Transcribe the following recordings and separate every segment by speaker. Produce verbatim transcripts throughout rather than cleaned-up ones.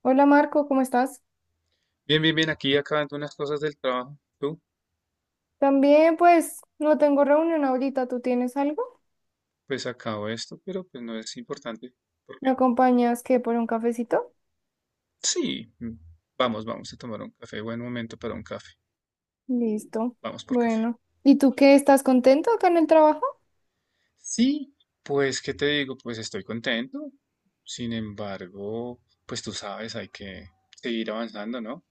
Speaker 1: Hola Marco, ¿cómo estás?
Speaker 2: Bien, bien, bien, aquí acabando unas cosas del trabajo. Tú,
Speaker 1: También, pues no tengo reunión ahorita. ¿Tú tienes algo?
Speaker 2: pues acabo esto, pero pues no es importante. ¿Por
Speaker 1: ¿Me
Speaker 2: qué?
Speaker 1: acompañas qué por un cafecito?
Speaker 2: Sí, mm, vamos, vamos a tomar un café. Buen momento para un café.
Speaker 1: Listo.
Speaker 2: Vamos por café.
Speaker 1: Bueno. ¿Y tú qué? ¿Estás contento acá en el trabajo?
Speaker 2: Sí, pues, ¿qué te digo? Pues estoy contento. Sin embargo, pues tú sabes, hay que seguir avanzando, ¿no?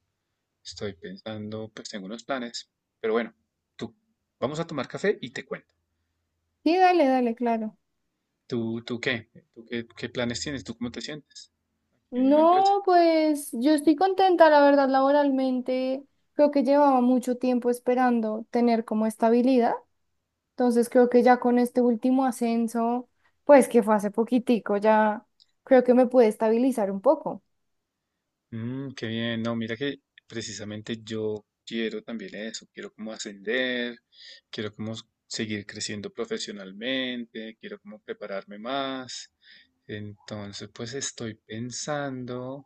Speaker 2: Estoy pensando, pues tengo unos planes. Pero bueno, tú, vamos a tomar café y te cuento.
Speaker 1: Sí, dale, dale, claro.
Speaker 2: ¿Tú, tú qué? ¿Tú qué, qué planes tienes? ¿Tú cómo te sientes en la empresa?
Speaker 1: No, pues yo estoy contenta, la verdad, laboralmente. Creo que llevaba mucho tiempo esperando tener como estabilidad. Entonces creo que ya con este último ascenso, pues que fue hace poquitico, ya creo que me puede estabilizar un poco.
Speaker 2: Mm, qué bien. No, mira que precisamente yo quiero también eso. Quiero como ascender, quiero como s- seguir creciendo profesionalmente, quiero como prepararme más. Entonces, pues estoy pensando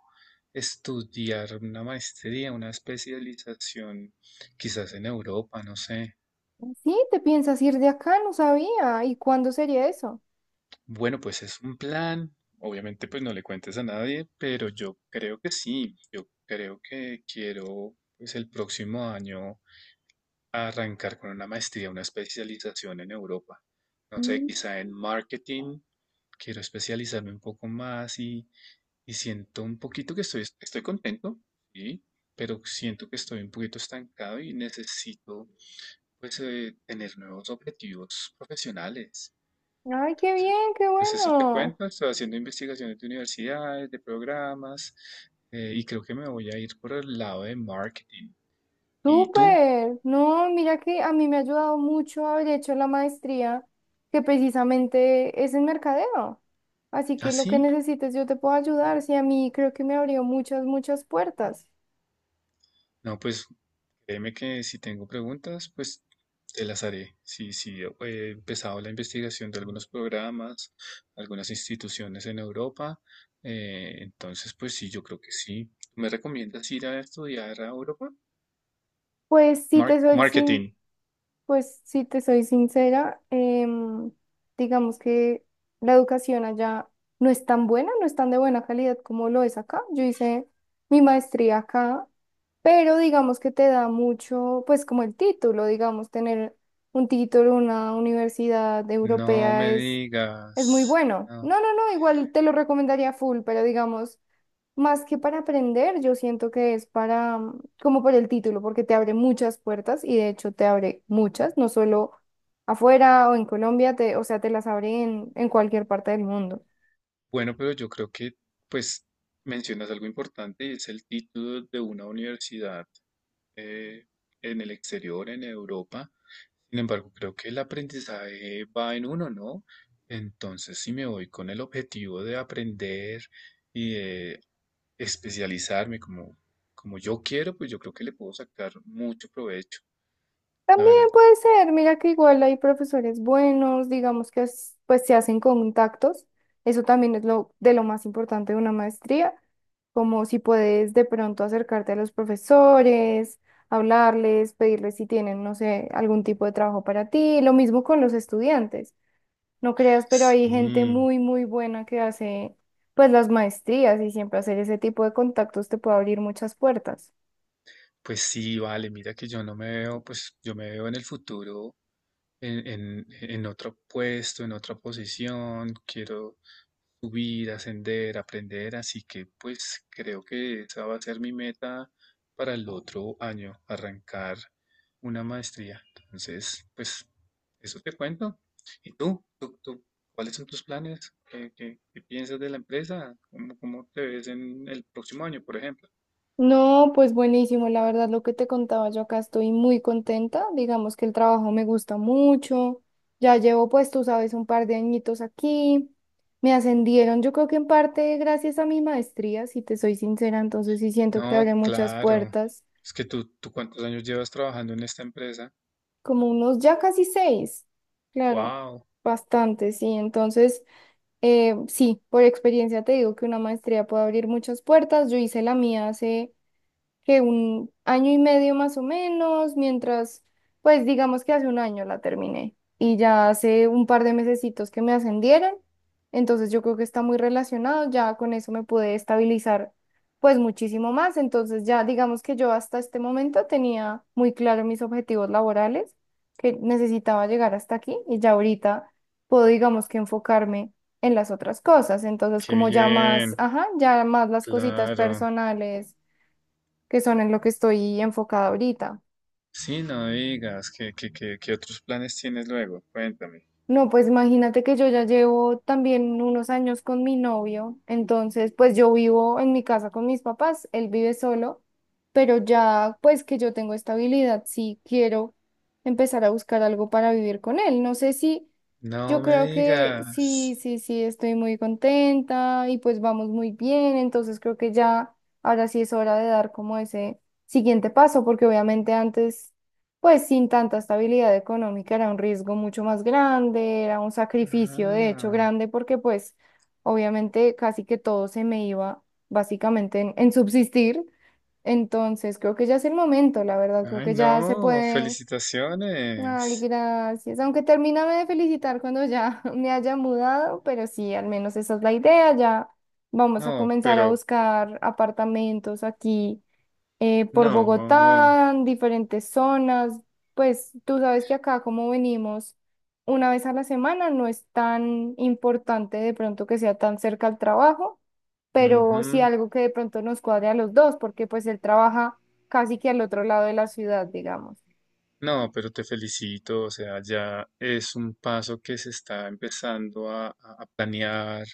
Speaker 2: estudiar una maestría, una especialización, quizás en Europa, no sé.
Speaker 1: Sí, te piensas ir de acá, no sabía. ¿Y cuándo sería eso?
Speaker 2: Bueno, pues es un plan. Obviamente, pues no le cuentes a nadie, pero yo creo que sí. Yo creo que quiero, pues el próximo año arrancar con una maestría, una especialización en Europa. No sé,
Speaker 1: Mm.
Speaker 2: quizá en marketing, quiero especializarme un poco más y, y siento un poquito que estoy, estoy contento, sí, pero siento que estoy un poquito estancado y necesito pues eh, tener nuevos objetivos profesionales.
Speaker 1: Ay, qué
Speaker 2: Entonces,
Speaker 1: bien, qué
Speaker 2: pues eso te
Speaker 1: bueno.
Speaker 2: cuento, estoy haciendo investigaciones de universidades, de programas eh, y creo que me voy a ir por el lado de marketing. ¿Y tú?
Speaker 1: Súper. No, mira que a mí me ha ayudado mucho haber hecho la maestría, que precisamente es en mercadeo. Así
Speaker 2: ¿Ah,
Speaker 1: que lo que
Speaker 2: sí?
Speaker 1: necesites yo te puedo ayudar. Sí, a mí creo que me abrió muchas, muchas puertas.
Speaker 2: No, pues créeme que si tengo preguntas, pues te las haré. Sí, sí, he empezado la investigación de algunos programas, algunas instituciones en Europa. Eh, entonces, pues sí, yo creo que sí. ¿Me recomiendas ir a estudiar a Europa?
Speaker 1: Pues si te
Speaker 2: Mar-
Speaker 1: soy sin.
Speaker 2: marketing.
Speaker 1: Pues si te soy sincera, em, digamos que la educación allá no es tan buena, no es tan de buena calidad como lo es acá. Yo hice mi maestría acá, pero digamos que te da mucho, pues como el título, digamos, tener un título en una universidad
Speaker 2: No
Speaker 1: europea
Speaker 2: me
Speaker 1: es, es muy
Speaker 2: digas.
Speaker 1: bueno.
Speaker 2: No.
Speaker 1: No, no, no, igual te lo recomendaría full, pero digamos... Más que para aprender, yo siento que es para, mm, como por el título, porque te abre muchas puertas y de hecho te abre muchas, no solo afuera o en Colombia, te, o sea, te las abre en, en cualquier parte del mundo.
Speaker 2: Bueno, pero yo creo que, pues, mencionas algo importante y es el título de una universidad eh, en el exterior, en Europa. Sin embargo, creo que el aprendizaje va en uno, ¿no? Entonces, si me voy con el objetivo de aprender y de especializarme como, como yo quiero, pues yo creo que le puedo sacar mucho provecho, la
Speaker 1: También
Speaker 2: verdad.
Speaker 1: puede ser, mira que igual hay profesores buenos, digamos que es- pues se hacen contactos, eso también es lo de lo más importante de una maestría, como si puedes de pronto acercarte a los profesores, hablarles, pedirles si tienen, no sé, algún tipo de trabajo para ti, lo mismo con los estudiantes, no creas, pero hay gente
Speaker 2: Sí,
Speaker 1: muy, muy buena que hace pues las maestrías, y siempre hacer ese tipo de contactos te puede abrir muchas puertas.
Speaker 2: pues sí, vale, mira que yo no me veo, pues yo me veo en el futuro en, en, en otro puesto, en otra posición, quiero subir, ascender, aprender, así que pues creo que esa va a ser mi meta para el otro año, arrancar una maestría. Entonces, pues eso te cuento. ¿Y tú? ¿Tú, tú cuáles son tus planes? ¿Qué, qué- qué piensas de la empresa? ¿Cómo, cómo te ves en el próximo año, por ejemplo?
Speaker 1: No, pues buenísimo, la verdad lo que te contaba, yo acá estoy muy contenta, digamos que el trabajo me gusta mucho, ya llevo, pues tú sabes, un par de añitos aquí, me ascendieron, yo creo que en parte gracias a mi maestría, si te soy sincera, entonces sí siento que abre
Speaker 2: No,
Speaker 1: muchas
Speaker 2: claro.
Speaker 1: puertas,
Speaker 2: Es que tú, ¿tú cuántos años llevas trabajando en esta empresa?
Speaker 1: como unos ya casi seis, claro,
Speaker 2: Wow.
Speaker 1: bastante, sí, entonces eh, sí, por experiencia te digo que una maestría puede abrir muchas puertas. Yo hice la mía hace que un año y medio más o menos, mientras, pues digamos que hace un año la terminé, y ya hace un par de mesecitos que me ascendieron, entonces yo creo que está muy relacionado. Ya con eso me pude estabilizar pues muchísimo más, entonces ya digamos que yo hasta este momento tenía muy claro mis objetivos laborales, que necesitaba llegar hasta aquí, y ya ahorita puedo digamos que enfocarme en las otras cosas, entonces
Speaker 2: Qué
Speaker 1: como ya más,
Speaker 2: bien,
Speaker 1: ajá, ya más las cositas
Speaker 2: claro.
Speaker 1: personales, que son en lo que estoy enfocada ahorita.
Speaker 2: Sí, no digas. ¿Qué, qué, qué, qué otros planes tienes luego? Cuéntame.
Speaker 1: No, pues imagínate que yo ya llevo también unos años con mi novio, entonces pues yo vivo en mi casa con mis papás, él vive solo, pero ya pues que yo tengo estabilidad, sí quiero empezar a buscar algo para vivir con él. No sé si, yo
Speaker 2: No me
Speaker 1: creo que sí,
Speaker 2: digas.
Speaker 1: sí, sí, estoy muy contenta y pues vamos muy bien, entonces creo que ya ahora sí es hora de dar como ese siguiente paso, porque obviamente antes pues sin tanta estabilidad económica era un riesgo mucho más grande, era un sacrificio de hecho
Speaker 2: Ah,
Speaker 1: grande, porque pues obviamente casi que todo se me iba básicamente en, en subsistir. Entonces creo que ya es el momento, la verdad, creo
Speaker 2: ay,
Speaker 1: que ya se
Speaker 2: no.
Speaker 1: puede. Ay,
Speaker 2: Felicitaciones.
Speaker 1: gracias. Aunque termíname de felicitar cuando ya me haya mudado, pero sí, al menos esa es la idea. Ya vamos a
Speaker 2: No,
Speaker 1: comenzar a
Speaker 2: pero
Speaker 1: buscar apartamentos aquí eh, por
Speaker 2: no.
Speaker 1: Bogotá, en diferentes zonas. Pues tú sabes que acá como venimos una vez a la semana, no es tan importante de pronto que sea tan cerca al trabajo, pero sí
Speaker 2: Ujú.
Speaker 1: algo que de pronto nos cuadre a los dos, porque pues él trabaja casi que al otro lado de la ciudad, digamos.
Speaker 2: No, pero te felicito, o sea, ya es un paso que se está empezando a, a- a planear,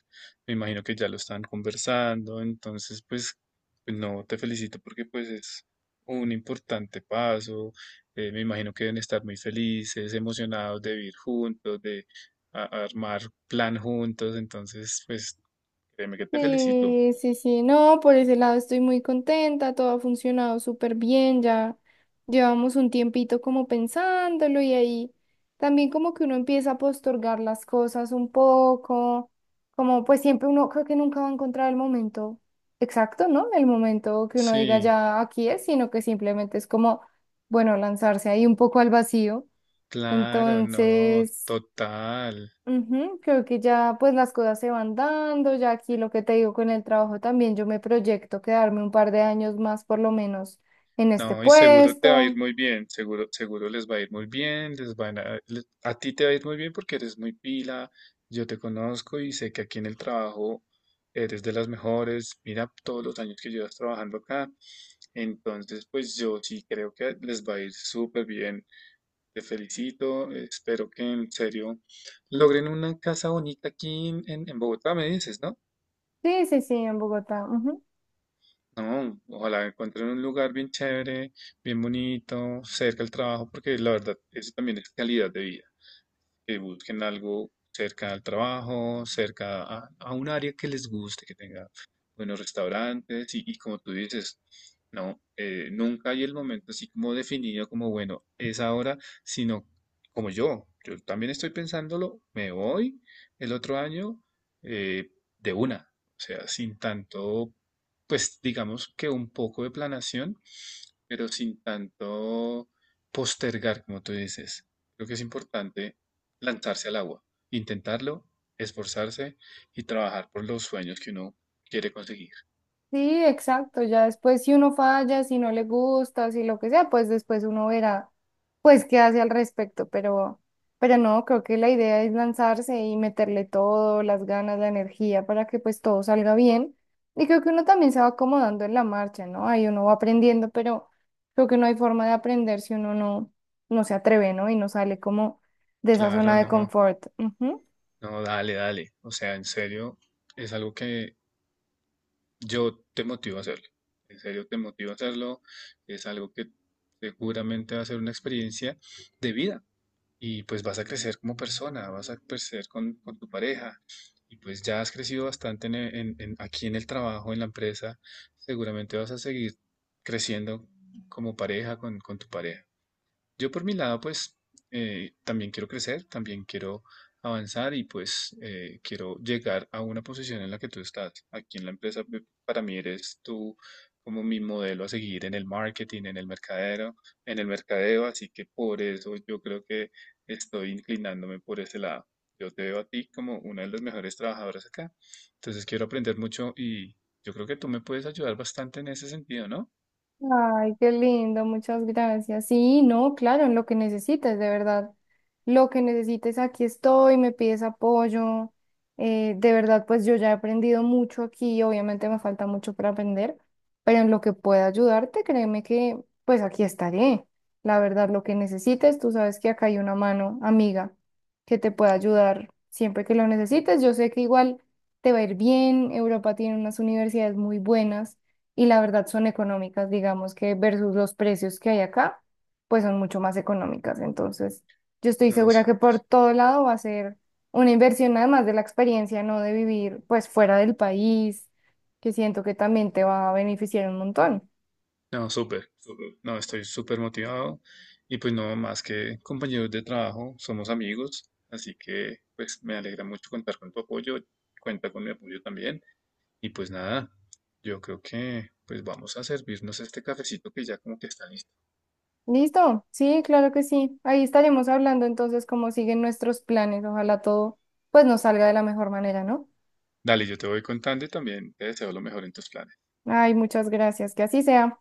Speaker 2: me imagino que ya lo están conversando, entonces pues pues no, te felicito porque pues es un importante paso, eh, me imagino que deben estar muy felices, emocionados de vivir juntos, de a- armar plan juntos, entonces pues créeme que te felicito.
Speaker 1: Sí, sí, sí, no, por ese lado estoy muy contenta, todo ha funcionado súper bien, ya llevamos un tiempito como pensándolo, y ahí también como que uno empieza a postergar las cosas un poco, como pues siempre uno creo que nunca va a encontrar el momento exacto, ¿no? El momento que uno diga
Speaker 2: Sí,
Speaker 1: ya aquí es, sino que simplemente es como, bueno, lanzarse ahí un poco al vacío.
Speaker 2: claro, no,
Speaker 1: Entonces...
Speaker 2: total.
Speaker 1: Ujú. Creo que ya pues las cosas se van dando, ya aquí lo que te digo con el trabajo también, yo me proyecto quedarme un par de años más por lo menos en este
Speaker 2: No, y seguro te va a ir
Speaker 1: puesto.
Speaker 2: muy bien, seguro, seguro les va a ir muy bien, les van a, le- a ti te va a ir muy bien porque eres muy pila, yo te conozco y sé que aquí en el trabajo eres de las mejores, mira todos los años que llevas trabajando acá, entonces pues yo sí creo que les va a ir súper bien, te felicito, espero que en serio logren una casa bonita aquí en, en en Bogotá, me dices, ¿no?
Speaker 1: Sí, sí, sí, en Bogotá.
Speaker 2: No, ojalá encuentren un lugar bien chévere, bien bonito, cerca del trabajo, porque la verdad, eso también es calidad de vida que busquen algo cerca al trabajo, cerca a, a un área que les guste, que tenga buenos restaurantes y, y como tú dices, no, eh, nunca hay el momento así como definido como, bueno, es ahora, sino como yo, yo también estoy pensándolo, me voy el otro año eh, de una, o sea, sin tanto, pues digamos que un poco de planación pero sin tanto postergar, como tú dices. Creo que es importante lanzarse al agua, intentarlo, esforzarse y trabajar por los sueños que uno quiere conseguir.
Speaker 1: Sí, exacto. Ya después, si uno falla, si no le gusta, si lo que sea, pues después uno verá, pues qué hace al respecto. Pero, pero no, creo que la idea es lanzarse y meterle todo, las ganas, la energía, para que pues todo salga bien. Y creo que uno también se va acomodando en la marcha, ¿no? Ahí uno va aprendiendo, pero creo que no hay forma de aprender si uno no, no se atreve, ¿no? Y no sale como de esa
Speaker 2: Claro,
Speaker 1: zona de
Speaker 2: no,
Speaker 1: confort. Ujú.
Speaker 2: no, dale, dale. O sea, en serio, es algo que yo te motivo a hacerlo. En serio, te motivo a hacerlo. Es algo que seguramente va a ser una experiencia de vida. Y pues vas a crecer como persona, vas a crecer con, con tu pareja y pues ya has crecido bastante en, e- en- en- aquí en el trabajo, en la empresa, seguramente vas a seguir creciendo como pareja con, con tu pareja. Yo por mi lado, pues eh, también quiero crecer, también quiero avanzar y pues eh, quiero llegar a una posición en la que tú estás. Aquí en la empresa, pe- para mí eres tú como mi modelo a seguir en el marketing, en el mercadero, en el mercadeo, así que por eso yo creo que estoy inclinándome por ese lado. Yo te veo a ti como una de las mejores trabajadoras acá. Entonces quiero aprender mucho y yo creo que tú me puedes ayudar bastante en ese sentido, ¿no?
Speaker 1: Ay, qué lindo, muchas gracias. Sí, no, claro, en lo que necesites, de verdad. Lo que necesites, aquí estoy, me pides apoyo. Eh, de verdad, pues yo ya he aprendido mucho aquí, obviamente me falta mucho para aprender, pero en lo que pueda ayudarte, créeme que pues aquí estaré. La verdad, lo que necesites, tú sabes que acá hay una mano amiga que te pueda ayudar siempre que lo necesites. Yo sé que igual te va a ir bien, Europa tiene unas universidades muy buenas, y la verdad son económicas, digamos que versus los precios que hay acá, pues son mucho más económicas. Entonces, yo estoy
Speaker 2: No,
Speaker 1: segura que por todo lado va a ser una inversión, además de la experiencia, no, de vivir pues fuera del país, que siento que también te va a beneficiar un montón.
Speaker 2: no, súper, súper. No, estoy súper motivado. Y pues no, más que compañeros de trabajo, somos amigos. Así que pues me alegra mucho contar con tu apoyo. Cuenta con mi apoyo también. Y pues nada, yo creo que pues vamos a servirnos este cafecito que ya como que está listo.
Speaker 1: ¿Listo? Sí, claro que sí. Ahí estaremos hablando entonces cómo siguen nuestros planes. Ojalá todo pues nos salga de la mejor manera, ¿no?
Speaker 2: Dale, yo te voy contando y también te deseo lo mejor en tus planes.
Speaker 1: Ay, muchas gracias. Que así sea.